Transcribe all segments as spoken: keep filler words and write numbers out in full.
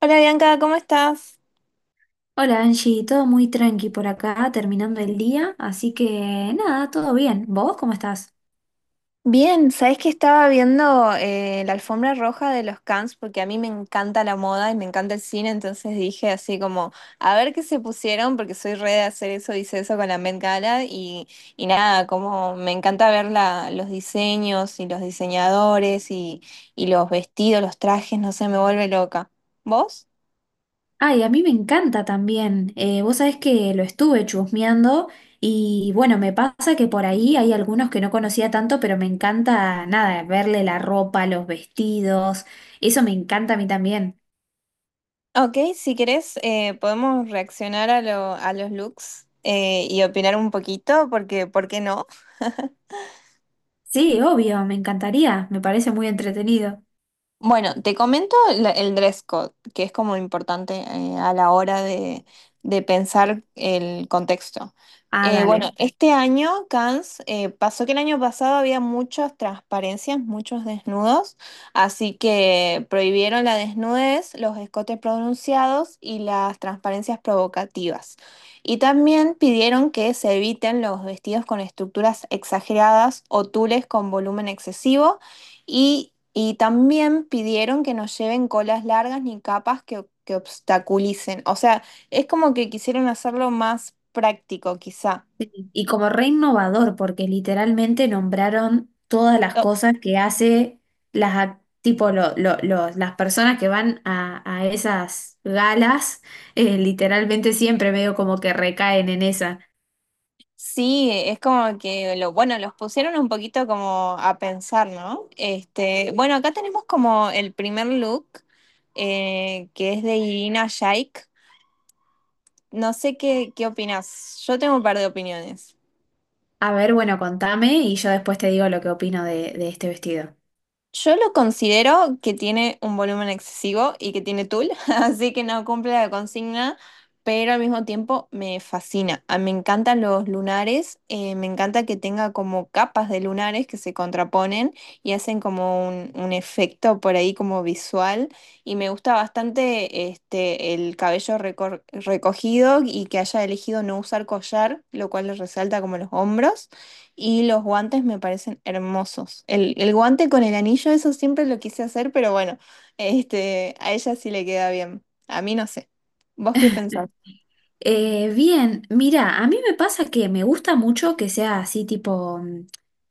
Hola Bianca, ¿cómo estás? Hola Angie, todo muy tranqui por acá, terminando el día, así que nada, todo bien. ¿Vos cómo estás? Bien, sabes que estaba viendo eh, ¿la alfombra roja de los Cannes? Porque a mí me encanta la moda y me encanta el cine, entonces dije así como, a ver qué se pusieron, porque soy re de hacer eso, hice eso con la Met Gala y, y nada, como me encanta ver la- los diseños y los diseñadores y, y los vestidos, los trajes, no sé, me vuelve loca. ¿Vos? Ay, a mí me encanta también. Eh, vos sabés que lo estuve chusmeando y bueno, me pasa que por ahí hay algunos que no conocía tanto, pero me encanta nada, verle la ropa, los vestidos, eso me encanta a mí también. Ok, si querés, eh, podemos reaccionar a, lo- a los looks, eh, y opinar un poquito, porque ¿por qué no? Sí, obvio, me encantaría, me parece muy entretenido. Bueno, te comento la- el dress code, que es como importante, eh, a la hora de, de pensar el contexto. Ah, Eh, bueno, dale. este año, Cannes, eh, pasó que el año pasado había muchas transparencias, muchos desnudos, así que prohibieron la desnudez, los escotes pronunciados y las transparencias provocativas. Y también pidieron que se eviten los vestidos con estructuras exageradas o tules con volumen excesivo y, y también pidieron que no lleven colas largas ni capas que, que obstaculicen. O sea, es como que quisieron hacerlo más práctico, quizá. Y como re innovador, porque literalmente nombraron todas las O- cosas que hace las, ac- tipo, lo- lo- los- las personas que van a, a esas galas, eh, literalmente siempre medio como que recaen en esa. Sí, es como que lo, bueno, los pusieron un poquito como a pensar, ¿no? Este, bueno, acá tenemos como el primer look, eh, que es de Irina Shayk. No sé qué, qué opinas. Yo tengo un par de opiniones. A ver, bueno, contame y yo después te digo lo que opino de, de este vestido. Yo lo considero que tiene un volumen excesivo y que tiene tul, así que no cumple la consigna, pero al mismo tiempo me fascina. Ah, me encantan los lunares, eh, me encanta que tenga como capas de lunares que se contraponen y hacen como un, un efecto por ahí como visual. Y me gusta bastante este, el cabello recor- recogido y que haya elegido no usar collar, lo cual le resalta como los hombros. Y los guantes me parecen hermosos. El, el guante con el anillo, eso siempre lo quise hacer, pero bueno, este, a ella sí le queda bien. A mí no sé. ¿Vos qué pensás? Eh, bien, mira, a mí me pasa que me gusta mucho que sea así tipo mm,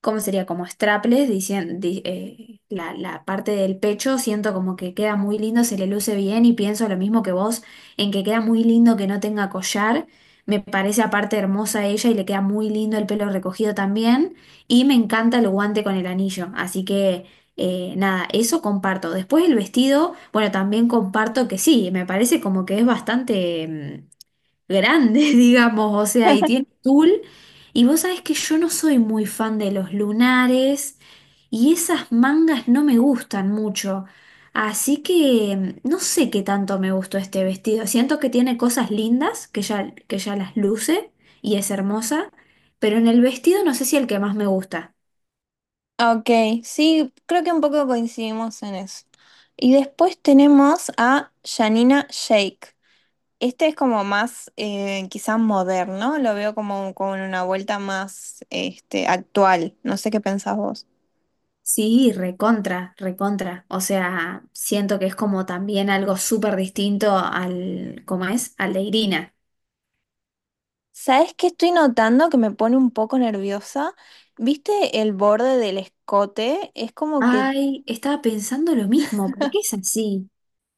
¿cómo sería? Como strapless, dicien- di- eh, la, la parte del pecho, siento como que queda muy lindo, se le luce bien y pienso lo mismo que vos, en que queda muy lindo que no tenga collar, me parece aparte hermosa ella y le queda muy lindo el pelo recogido también y me encanta el guante con el anillo, así que eh, nada, eso comparto. Después el vestido, bueno, también comparto que sí, me parece como que es bastante... mm, grandes, digamos, o sea, y tiene tul. Y vos sabés que yo no soy muy fan de los lunares y esas mangas no me gustan mucho. Así que mm, no sé qué tanto me gustó este vestido. Siento que tiene cosas lindas, que ya, que ya las luce y es hermosa, pero en el vestido no sé si el que más me gusta. Ok, sí, creo que un poco coincidimos en eso. Y después tenemos a Janina Shake. Este es como más, eh, quizás moderno, lo veo como con una vuelta más, este, actual. No sé qué pensás vos. Sí, recontra, recontra. O sea, siento que es como también algo súper distinto al, ¿cómo es? Al de Irina. ¿Sabes qué estoy notando que me pone un poco nerviosa? ¿Viste el borde del escote? Es como que Ay, estaba pensando lo mismo, ¿por qué es así?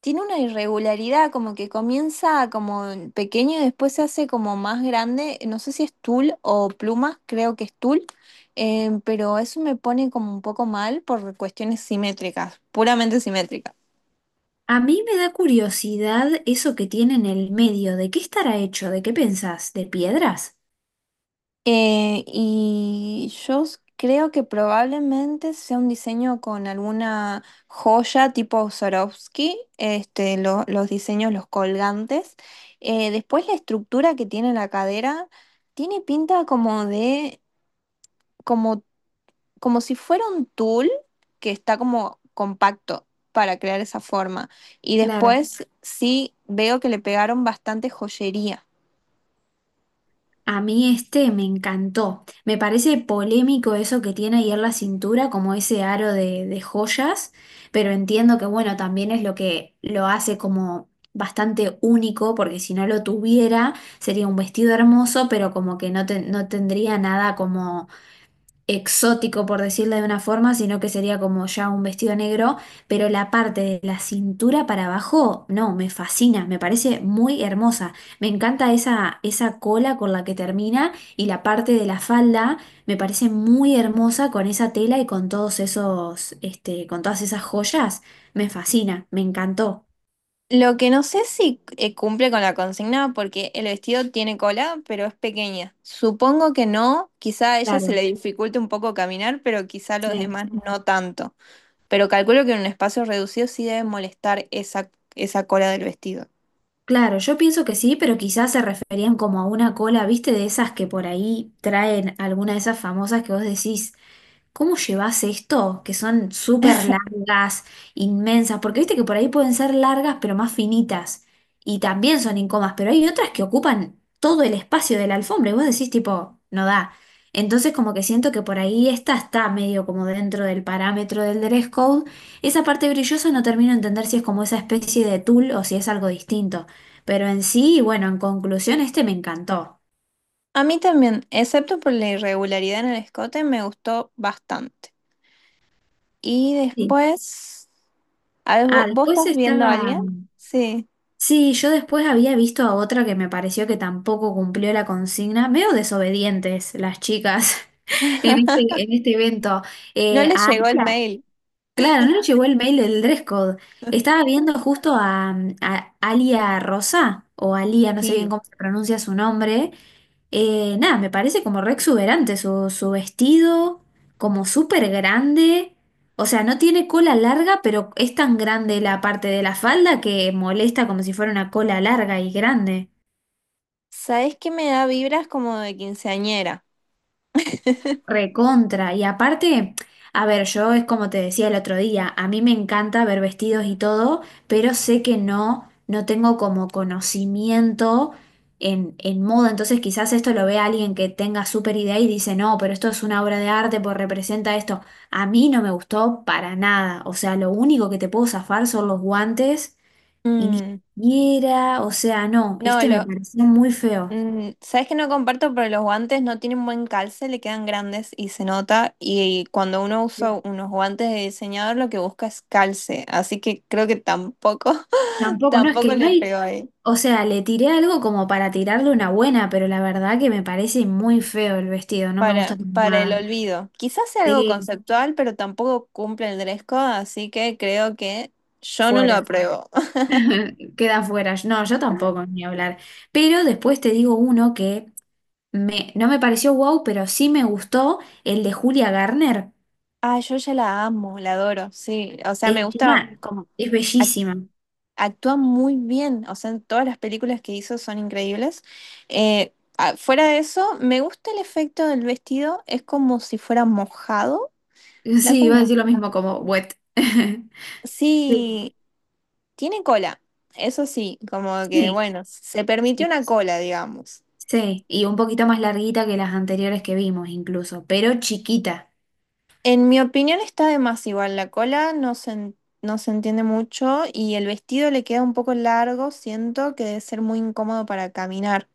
tiene una irregularidad, como que comienza como en pequeño y después se hace como más grande. No sé si es tul o plumas, creo que es tul, eh, pero eso me pone como un poco mal por cuestiones simétricas, puramente simétricas. A mí me da curiosidad eso que tiene en el medio, ¿de qué estará hecho? ¿De qué pensás? ¿De piedras? Eh, y yo s- creo que probablemente sea un diseño con alguna joya tipo Swarovski, este, lo- los diseños, los colgantes. Eh, después la estructura que tiene la cadera tiene pinta como de, como, como si fuera un tul que está como compacto para crear esa forma. Y Claro. después sí veo que le pegaron bastante joyería. A mí este me encantó. Me parece polémico eso que tiene ahí en la cintura, como ese aro de, de joyas, pero entiendo que bueno, también es lo que lo hace como bastante único, porque si no lo tuviera sería un vestido hermoso, pero como que no, ten- no tendría nada como exótico, por decirlo de una forma, sino que sería como ya un vestido negro, pero la parte de la cintura para abajo, no, me fascina, me parece muy hermosa. Me encanta esa, esa cola con la que termina y la parte de la falda me parece muy hermosa con esa tela y con todos esos, este, con todas esas joyas. Me fascina, me encantó. Lo que no sé si eh, cumple con la consigna porque el vestido tiene cola, pero es pequeña. Supongo que no, quizá a ella se Claro, le dificulte un poco caminar, pero quizá a los sí. demás no tanto. Pero calculo que en un espacio reducido sí debe molestar esa, esa cola del vestido. Claro, yo pienso que sí, pero quizás se referían como a una cola, viste, de esas que por ahí traen alguna de esas famosas que vos decís. ¿Cómo llevas esto? Que son súper largas, inmensas, porque viste que por ahí pueden ser largas pero más finitas y también son incómodas, pero hay otras que ocupan todo el espacio de la alfombra y vos decís tipo, no da. Entonces como que siento que por ahí esta está medio como dentro del parámetro del dress code. Esa parte brillosa no termino de entender si es como esa especie de tul o si es algo distinto. Pero en sí, bueno, en conclusión, este me encantó. A mí también, excepto por la irregularidad en el escote, me gustó bastante. Y Sí. después, a ver, Ah, ¿vo- ¿vos después estás viendo a estaba. alguien? Sí. Sí, yo después había visto a otra que me pareció que tampoco cumplió la consigna, medio desobedientes las chicas en este, en este evento. ¿No Eh, le A llegó el Alia, mail? claro, no nos llegó el mail del dress code. Estaba viendo justo a, mm, a Alia Rosa, o Alia, no sé bien Sí. cómo se pronuncia su nombre, eh, nada, me parece como re exuberante su, su vestido, como súper grande. O sea, no tiene cola larga, pero es tan grande la parte de la falda que molesta como si fuera una cola larga y grande. ¿Sabes qué me da vibras como de quinceañera? Recontra. Y aparte, a ver, yo es como te decía el otro día, a mí me encanta ver vestidos y todo, pero sé que no, no tengo como conocimiento en, en moda. Entonces quizás esto lo vea alguien que tenga súper idea y dice, no, pero esto es una obra de arte, pues representa esto. A mí no me gustó para nada. O sea, lo único que te puedo zafar son los guantes y ni Mm, siquiera, o sea, no, no, este me lo, pareció muy feo. mm, ¿sabes que no comparto? Pero los guantes no tienen buen calce, le quedan grandes y se nota. Y cuando uno Sí. usa unos guantes de diseñador, lo que busca es calce. Así que creo que tampoco, Tampoco, no, es tampoco que no le hay. pego ahí. O sea, le tiré algo como para tirarle una buena, pero la verdad que me parece muy feo el vestido, no me gusta Para, para para el nada. olvido. Quizás sea algo Sí, conceptual, pero tampoco cumple el dress code, así que creo que yo no lo fuera. apruebo. Queda fuera. No, yo tampoco, ni hablar. Pero después te digo uno que me, no me pareció wow, pero sí me gustó, el de Julia Garner. Ah, yo ya la amo, la adoro, sí. O sea, me gusta Encima, como es act- bellísima. actúa muy bien. O sea, todas las películas que hizo son increíbles. Eh, ah, fuera de eso, me gusta el efecto del vestido. Es como si fuera mojado. Da Sí, como iba a una. decir lo mismo como wet. Sí, Sí, tiene cola. Eso sí, como que sí, bueno, se permitió sí. una cola, digamos. Sí. Y un poquito más larguita que las anteriores que vimos incluso, pero chiquita. En mi opinión está de más igual, la cola no se, en- no se entiende mucho y el vestido le queda un poco largo, siento que debe ser muy incómodo para caminar.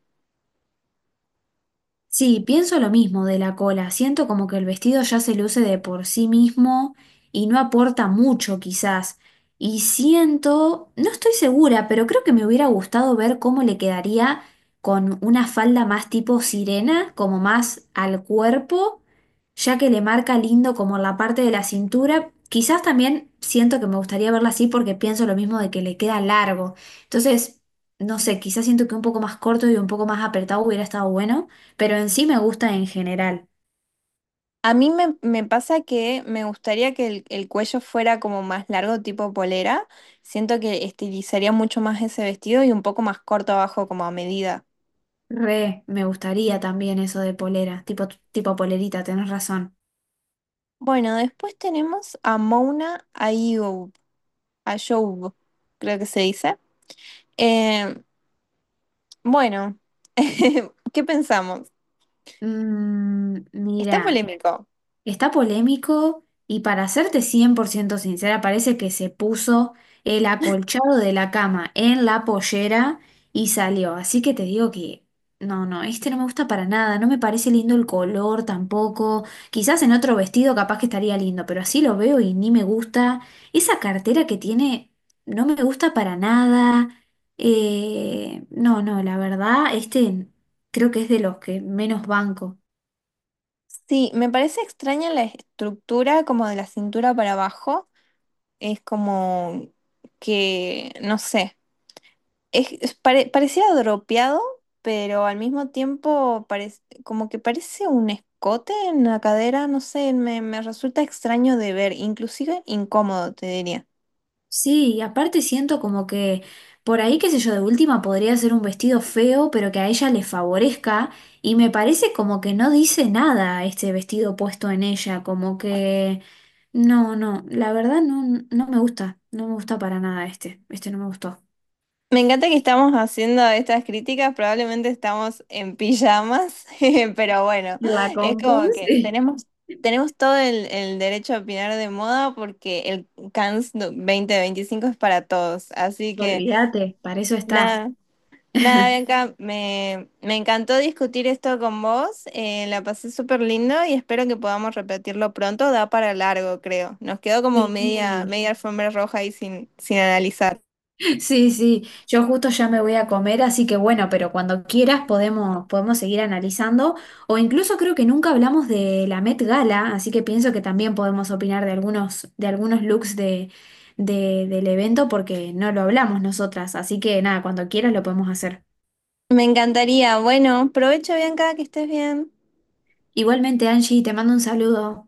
Sí, pienso lo mismo de la cola. Siento como que el vestido ya se luce de por sí mismo y no aporta mucho quizás. Y siento, no estoy segura, pero creo que me hubiera gustado ver cómo le quedaría con una falda más tipo sirena, como más al cuerpo, ya que le marca lindo como la parte de la cintura. Quizás también siento que me gustaría verla así porque pienso lo mismo de que le queda largo. Entonces, no sé, quizás siento que un poco más corto y un poco más apretado hubiera estado bueno. Pero en sí me gusta en general. A mí me, me pasa que me gustaría que el, el cuello fuera como más largo, tipo polera, siento que estilizaría mucho más ese vestido y un poco más corto abajo como a medida. Re, me gustaría también eso de polera, tipo, tipo polerita, tenés razón. Bueno, después tenemos a Mona Ayoub, Ayoub, creo que se dice. Eh, bueno, ¿qué pensamos? Mm, Está mira. polémico. Está polémico y para serte cien por ciento sincera, parece que se puso el acolchado de la cama en la pollera y salió. Así que te digo que no, no, este no me gusta para nada, no me parece lindo el color tampoco. Quizás en otro vestido capaz que estaría lindo, pero así lo veo y ni me gusta. Esa cartera que tiene no me gusta para nada. Eh, no, no, la verdad, este creo que es de los que menos banco. Sí, me parece extraña la estructura como de la cintura para abajo. Es como que, no sé, es, es pare- parecía dropeado, pero al mismo tiempo parec- como que parece un escote en la cadera, no sé, me, me resulta extraño de ver, inclusive incómodo, te diría. Sí, y aparte siento como que por ahí, qué sé yo, de última podría ser un vestido feo, pero que a ella le favorezca, y me parece como que no dice nada este vestido puesto en ella, como que no, no, la verdad no, no me gusta, no me gusta para nada este, este no me gustó. Me encanta que estamos haciendo estas críticas, probablemente estamos en pijamas, pero bueno, En la es compu, como que sí. tenemos, tenemos todo el, el derecho a opinar de moda porque el Cannes do- dos mil veinticinco es para todos. Así que Olvídate. Para eso está. nada, nada, Bianca, me, me encantó discutir esto con vos, eh, la pasé súper lindo y espero que podamos repetirlo pronto, da para largo, creo. Nos quedó como media, Sí. media alfombra roja ahí sin, sin analizar. Sí, sí, yo justo ya me voy a comer, así que bueno, pero cuando quieras podemos, podemos seguir analizando, o incluso creo que nunca hablamos de la Met Gala, así que pienso que también podemos opinar de algunos, de algunos looks de, de- del evento porque no lo hablamos nosotras, así que nada, cuando quieras lo podemos hacer. Me encantaría. Bueno, provecho, Bianca, que estés bien. Igualmente, Angie, te mando un saludo.